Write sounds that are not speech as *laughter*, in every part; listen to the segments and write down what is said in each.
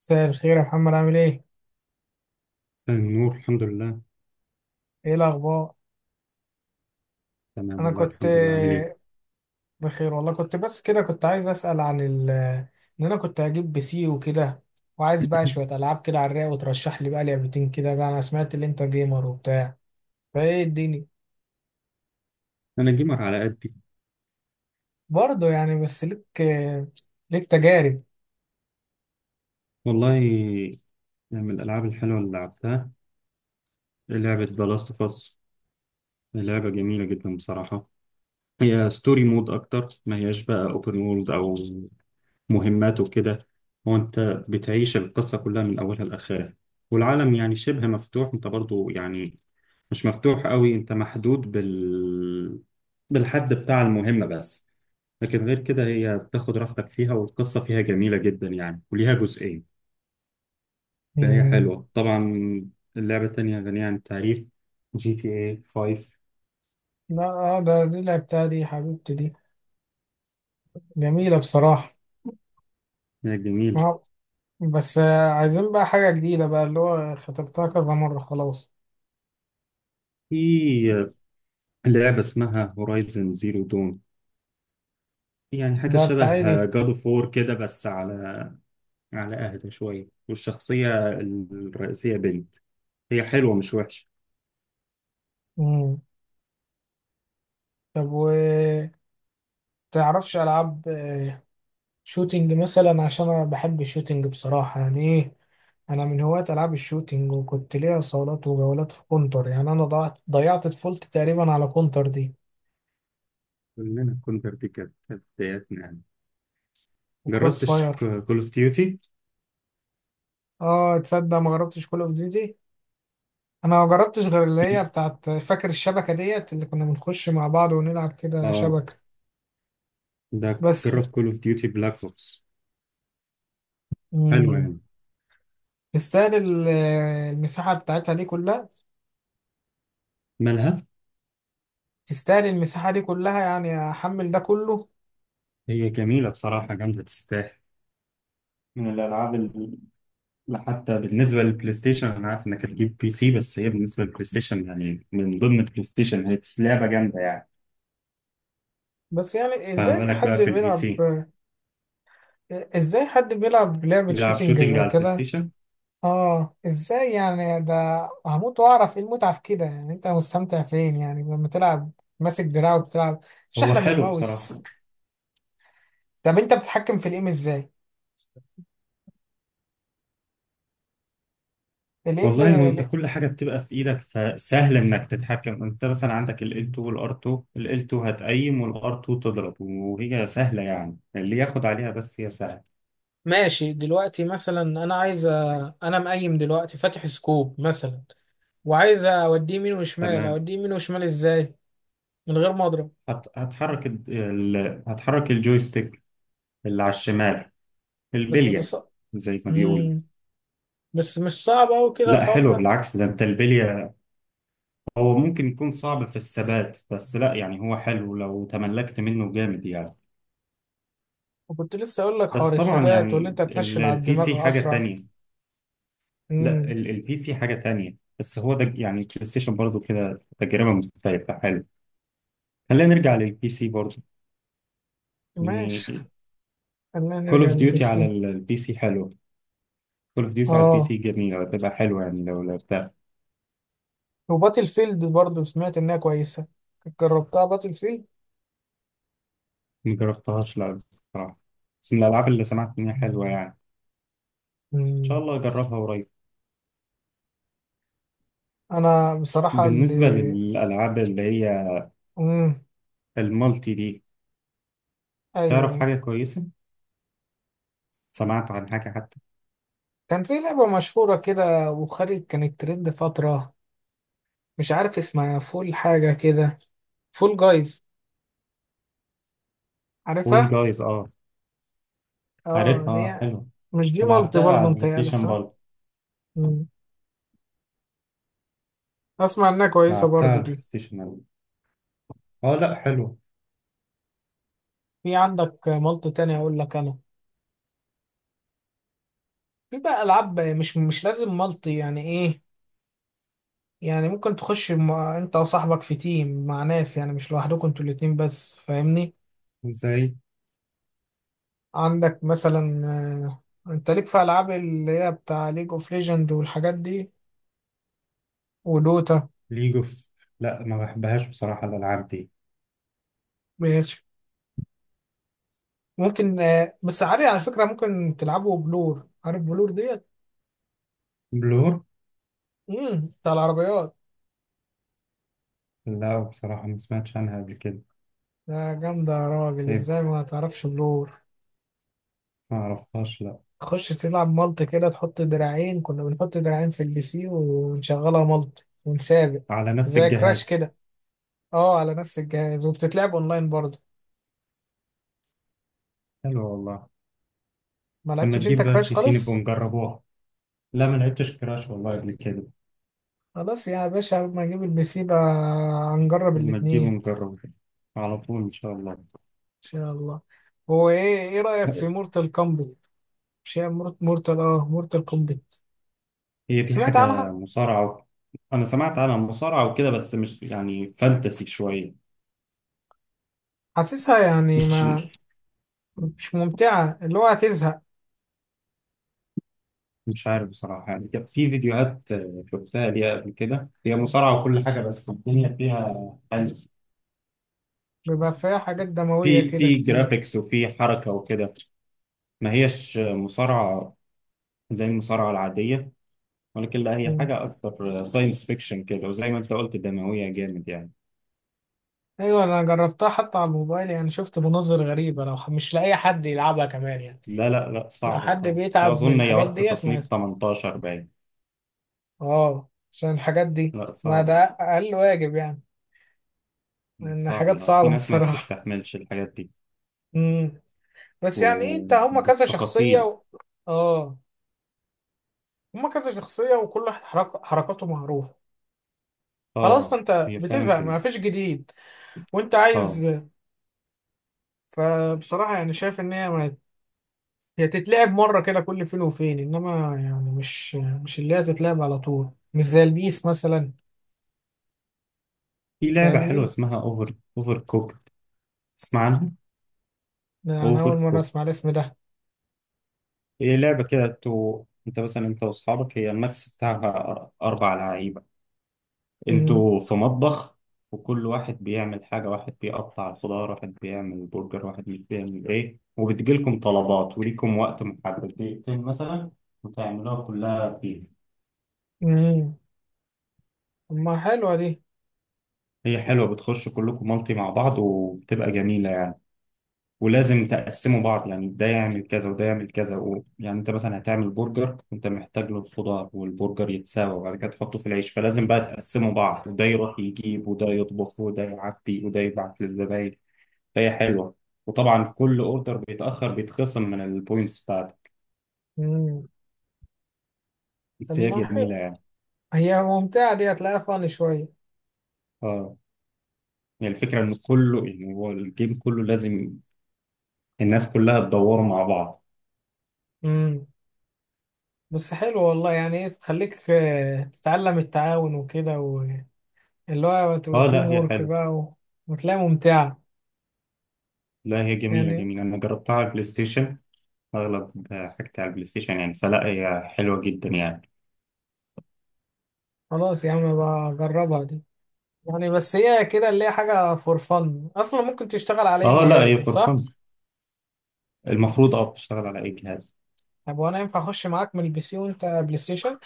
مساء الخير يا محمد، عامل ايه؟ النور، الحمد لله. ايه الأخبار؟ تمام أنا والله، كنت الحمد لله. عامل ايه؟ بخير والله. كنت بس كده كنت عايز أسأل عن ال إن أنا كنت هجيب بي سي وكده، وعايز بقى *laughs* شوية ألعاب كده على الرايق، وترشح لي بقى لعبتين كده بقى. أنا سمعت إن أنت جيمر وبتاع، فايه الدنيا؟ انا جيمر على قدي. برضه يعني. بس ليك ليك تجارب. والله، من الالعاب الحلوه اللي لعبتها لعبه ذا لاست اوف اس، لعبه جميله جدا بصراحه. هي ستوري مود اكتر ما هياش بقى اوبن وورلد او مهمات وكده. هو انت بتعيش القصه كلها من اولها لاخرها، والعالم يعني شبه مفتوح، انت برضو يعني مش مفتوح قوي، انت محدود بالحد بتاع المهمه بس. لكن غير كده هي بتاخد راحتك فيها، والقصة فيها جميلة جدا يعني، وليها جزئين. فهي مم. حلوة طبعا. اللعبة التانية غنية عن التعريف، جي تي اي 5. لا اه ده دي لعبتها، دي حبيبتي دي، جميلة بصراحة. هي جميل. آه، بس عايزين بقى حاجة جديدة بقى، اللي هو خطبتها كذا مرة خلاص. في لعبة اسمها هورايزن زيرو دون، يعني حاجة ده بتاعي دي. شبه جاد اوف وور كده، بس على أهدى شوية، والشخصية الرئيسية بنت، هي حلوة مش وحشة. مم. طب و تعرفش ألعاب شوتينج مثلا؟ عشان أنا بحب الشوتينج بصراحة، يعني إيه، أنا من هواة ألعاب الشوتينج، وكنت ليا صولات وجولات في كونتر. يعني أنا ضيعت طفولتي تقريبا على كونتر دي كلنا كنا، دي كانت بداياتنا يعني. وكروس جربتش فاير. كول اوف ديوتي؟ آه تصدق ما جربتش كول أوف ديوتي. أنا ما جربتش غير اللي هي بتاعت فاكر الشبكة ديت، اللي كنا بنخش مع بعض ونلعب كده اه، شبكة ده بس. جرب كول اوف ديوتي بلاك اوبس. حلوة مم. يعني. تستاهل المساحة بتاعتها دي كلها؟ مالها. تستاهل المساحة دي كلها يعني أحمل ده كله؟ هي جميلة بصراحة، جامدة تستاهل. من الألعاب اللي حتى بالنسبة للبلاي ستيشن، أنا عارف إنك هتجيب بي سي، بس هي بالنسبة للبلاي ستيشن يعني، من ضمن البلاي ستيشن هي لعبة جامدة يعني، بس يعني فما ازاي بالك بقى حد في البي بيلعب، سي. ازاي حد بيلعب لعبة بيلعب شوتينج شوتينج زي على البلاي كده؟ ستيشن. اه ازاي يعني ده؟ هموت واعرف ايه المتعة في كده. يعني انت مستمتع فين يعني لما تلعب ماسك دراع وبتلعب؟ مش هو احلى من حلو بصراحة. الماوس؟ طب انت بتتحكم في الايم ازاي؟ الايم والله، هو انت كل حاجه بتبقى في ايدك، فسهل انك تتحكم. انت مثلا عندك ال L2 وال R2، ال L2 هتقيم وال R2 تضرب، وهي سهله يعني، اللي ياخد عليها، بس هي سهله. ماشي. دلوقتي مثلا انا انا مقيم دلوقتي، فاتح سكوب مثلا، وعايز اوديه يمين وشمال، تمام. اوديه يمين وشمال ازاي من غير ما اضرب؟ هت... هتحرك ال... ال- هتحرك الجويستيك اللي على الشمال، بس ده البلية، صعب. زي ما بيقول. مم. بس مش صعب أوي كده لا الحوار حلو ده. بالعكس، ده انت البلية. هو ممكن يكون صعب في الثبات، بس لا يعني، هو حلو لو تملكت منه جامد يعني. وكنت لسه اقول لك حوار بس طبعا الثبات، واللي يعني انت تنشل على البي سي الدماغ حاجة اسرع. تانية. لا، امم. البي سي حاجة تانية، بس هو ده يعني، البلاي ستيشن برضه كده تجربة مختلفة، حلو. خلينا نرجع للبي سي برضه. ماشي. يعني، خلينا كول نرجع اوف للبي ديوتي على ايه. البي سي حلو. كول اوف ديوتي على البي اه، سي جميلة، هتبقى حلوة يعني لو لعبتها. وباتل فيلد برضو سمعت انها كويسه. جربتها باتل فيلد؟ ما جربتهاش، لا بصراحة، بس من الألعاب اللي سمعت إن هي حلوة يعني، إن شاء امم. الله أجربها قريب. انا بصراحه اللي، بالنسبة للألعاب اللي هي امم، المالتي دي، تعرف ايوه. حاجة كويسة؟ سمعت عن حاجة حتى. كان في لعبه مشهوره كده وخارج كانت ترند فتره، مش عارف اسمها، فول حاجه كده، فول جايز، فول عارفها؟ جايز، أه اه عارفها، دي أه يعني، حلوة. مش دي مالتي لعبتها على برضو البلاي متهيألي ستيشن صح؟ برضه. امم. اسمع انها كويسه لعبتها على برضو البلاي دي. ستيشن أوي. أه لأ حلوة. في عندك مالتي تاني اقول لك انا. في بقى العاب مش لازم مالتي، يعني ايه، يعني ممكن تخش مع انت وصاحبك في تيم مع ناس، يعني مش لوحدكم انتوا الاتنين بس، فاهمني؟ إزاي. عندك مثلا انت ليك في العاب اللي هي بتاع ليج اوف ليجند والحاجات دي، ودوتا. ليج أوف، لأ ما بحبهاش بصراحة الألعاب دي. ماشي. ممكن بس عادي على فكرة، ممكن تلعبوا بلور، عارف بلور ديت؟ بلور، امم، بتاع العربيات. لأ بصراحة ما سمعتش عنها قبل كده. ده جامدة يا راجل، إيه، ازاي ما تعرفش بلور؟ ما أعرفهاش لأ. تخش تلعب مالت كده، تحط دراعين، كنا بنحط دراعين في البي سي ونشغلها مالت ونسابق، على نفس زي كراش الجهاز. كده. اه، على نفس الجهاز وبتتلعب اونلاين برضه. حلو والله. ما لما لعبتش انت تجيب بقى كراش البي سي نبقوا خالص؟ نجربوها. لا ما لعبتش كراش والله قبل كده. خلاص يا باشا، لما اجيب البي سي بقى هنجرب لما الاتنين تجيبوا ان نجربه على طول، إن شاء الله. شاء الله. هو ايه، ايه رأيك في مورتال كومبت؟ مش هي مورت، مورتال، اه مورتال كومبت. هي دي سمعت حاجة عنها. مصارعة. أنا سمعت عنها مصارعة وكده، بس مش يعني فانتسي شوية. حاسسها يعني مش ما، مش ممتعة، اللي هو هتزهق. مش عارف بصراحة يعني، كان في فيديوهات شفتها ليها قبل كده، هي مصارعة وكل حاجة، بس الدنيا فيها يعني، بيبقى فيها حاجات دموية كده في كتير. جرافيكس وفي حركة وكده. ما هيش مصارعة زي المصارعة العادية، ولكن لا، هي حاجة أكتر ساينس فيكشن كده، وزي ما أنت قلت دموية جامد يعني. ايوه انا جربتها حتى على الموبايل، يعني شفت مناظر غريبه. لو مش لاقي حد يلعبها كمان يعني. لا لا لا، لو صعب حد صعب. بيتعب من أظن هي الحاجات واخدة ديت ما، تصنيف 18 باين. اه عشان الحاجات دي، لا ما ده صعب. اقل واجب يعني، لان صعب. حاجات لا، في صعبه *laughs* ناس ما بصراحه. بتستحملش الحاجات دي. امم. بس يعني إيه، انت هما كذا شخصيه وبالتفاصيل. و... اه، هما كذا شخصيه، وكل واحد حرك... حركاته معروفه، خلاص اه. فانت هي فعلا بتزهق، كده. ما فيش جديد وانت اه، عايز. فبصراحه يعني شايف ان هي ما، هي تتلعب مرة كده كل فين وفين، إنما يعني مش اللي هي تتلعب على طول، مش زي البيس مثلا، في لعبة حلوة فاهمني؟ اسمها اوفر كوك، تسمع عنها؟ لا، أنا اوفر أول مرة كوك، أسمع الاسم ده. هي لعبة كده تو، انت مثلا انت واصحابك، هي الماكس بتاعها اربع لعيبة. مم. انتوا في مطبخ، وكل واحد بيعمل حاجة، واحد بيقطع الخضار، واحد بيعمل برجر، واحد مش بيعمل ايه، وبتجيلكم طلبات وليكم وقت محدد دقيقتين مثلا، وتعملوها كلها فيه. مم. طب ما حلوة دي. هي حلوة، بتخشوا كلكم مالتي مع بعض، وبتبقى جميلة يعني. ولازم تقسموا بعض، يعني ده يعمل كذا وده يعمل كذا و... يعني انت مثلا هتعمل برجر، انت محتاج له الخضار والبرجر يتساوى، وبعد كده تحطه في العيش، فلازم بقى تقسموا بعض، وده يروح يجيب وده يطبخ وده يعبي وده يبعت للزباين. فهي حلوه. وطبعا كل اوردر بيتاخر بيتخصم من البوينتس بتاعته. مم. طب بس هي ما حلوة، جميله يعني. هي ممتعة دي، هتلاقيها فن شوية. اه، يعني الفكره ان كله، يعني هو الجيم كله لازم الناس كلها تدور مع بعض. مم. بس حلو والله، يعني إيه تخليك تتعلم التعاون وكده، واللي هو اه تيم لا، هي وورك حلوه. بقى وتلاقيها ممتعة لا، هي جميله يعني. جميله، انا جربتها على البلاي ستيشن. اغلب حاجتي على البلاي ستيشن يعني، فلا هي حلوه جدا يعني. خلاص يا عم بجربها دي، يعني بس هي كده اللي هي حاجة فور فن أصلا، ممكن تشتغل على أي اه لا، جهاز هي فور صح؟ فن، المفروض بتشتغل على اي جهاز. طب وأنا ينفع أخش معاك من البي سي وأنت بلاي ستيشن؟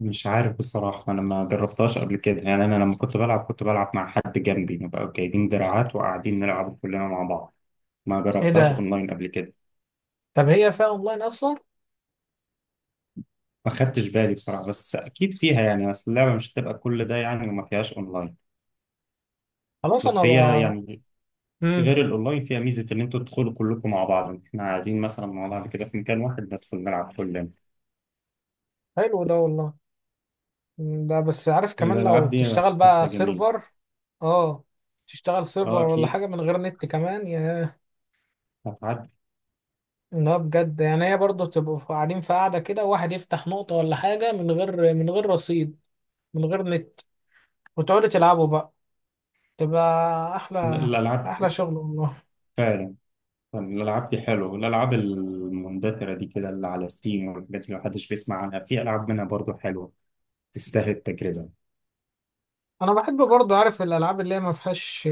مش عارف بصراحة، أنا ما جربتهاش قبل كده يعني، أنا لما كنت بلعب مع حد جنبي، نبقى جايبين دراعات وقاعدين نلعب كلنا مع بعض. ما إيه جربتهاش ده؟ اونلاين قبل كده. طب هي فيها أونلاين أصلا؟ ما خدتش بالي بصراحه، بس اكيد فيها يعني، اصل اللعبه مش هتبقى كل ده يعني وما فيهاش اونلاين. خلاص أنا بس هي بقى. يعني، مم. غير الاونلاين فيها ميزه، ان انتوا تدخلوا كلكم مع بعض، احنا قاعدين مثلا مع بعض كده في مكان واحد، ندخل نلعب كلنا. حلو ده والله. مم، ده بس عارف كمان لو الالعاب دي تشتغل بقى حاسها جميله. سيرفر. أه، تشتغل اه سيرفر ولا اكيد، حاجة من غير نت كمان يا، هتعدي. لا بجد يعني، هي برضه تبقوا قاعدين في قاعدة كده، واحد يفتح نقطة ولا حاجة من غير، رصيد، من غير نت، وتقعدوا تلعبوا بقى، تبقى أحلى، الالعاب احلى شغل والله. فعلا. يعني الالعاب دي حلوه، الالعاب المندثره دي كده اللي على ستيم والحاجات اللي محدش بيسمع عنها، في العاب منها برضو حلوه، تستاهل التجربه. انا بحب برضه عارف الالعاب اللي هي ما فيهاش،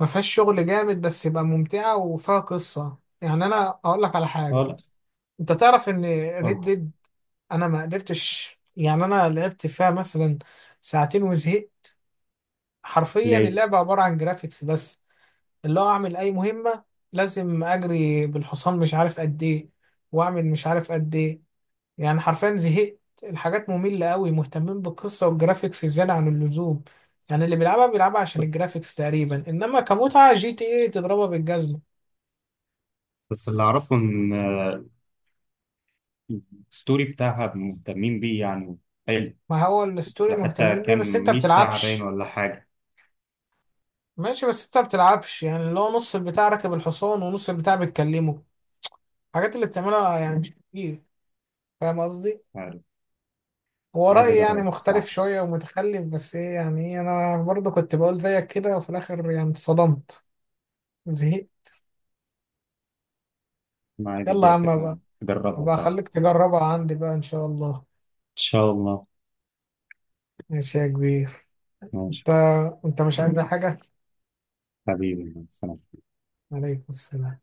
ما فيهاش شغل جامد بس يبقى ممتعه وفيها قصه. يعني انا اقول لك على اه حاجه، لا، انت تعرف ان ريد اتفضل. ديد، انا ما قدرتش، يعني انا لعبت فيها مثلا ساعتين وزهقت. حرفيا ليه. اللعبه عباره عن جرافيكس بس، اللي هو اعمل اي مهمه لازم اجري بالحصان مش عارف قد ايه، واعمل مش عارف قد ايه. يعني حرفيا زهقت، الحاجات مملة قوي، مهتمين بالقصة والجرافيكس زيادة عن اللزوم، يعني اللي بيلعبها بيلعبها عشان الجرافيكس تقريبا، انما كمتعة جي تي ايه تضربها بالجزمة. بس اللي أعرفه إن الستوري بتاعها مهتمين بيه يعني، حلو. ما هو الستوري ده حتى مهتمين بيه كام بس انت 100 ساعة باين بتلعبش. ولا حاجة. ماشي بس انت بتلعبش، يعني اللي هو نص البتاع راكب الحصان ونص البتاع بتكلمه، الحاجات اللي بتعملها يعني مش كتير، فاهم قصدي؟ عارف. هو عايز رأيي يعني أجربها مختلف بصراحة. شوية ومتخلف، بس ايه يعني ايه، انا برضه كنت بقول زيك كده وفي الاخر يعني اتصدمت، زهقت. أنا عايز يلا يا أديها عم بقى، أجربها أبقى بصراحة، إن أخليك تجربها عندي بقى إن شاء الله. شاء الله. ماشي يا كبير. ماشي. أنت، أنت مش عايز حاجة؟ حبيبي، سلام. عليكم السلام.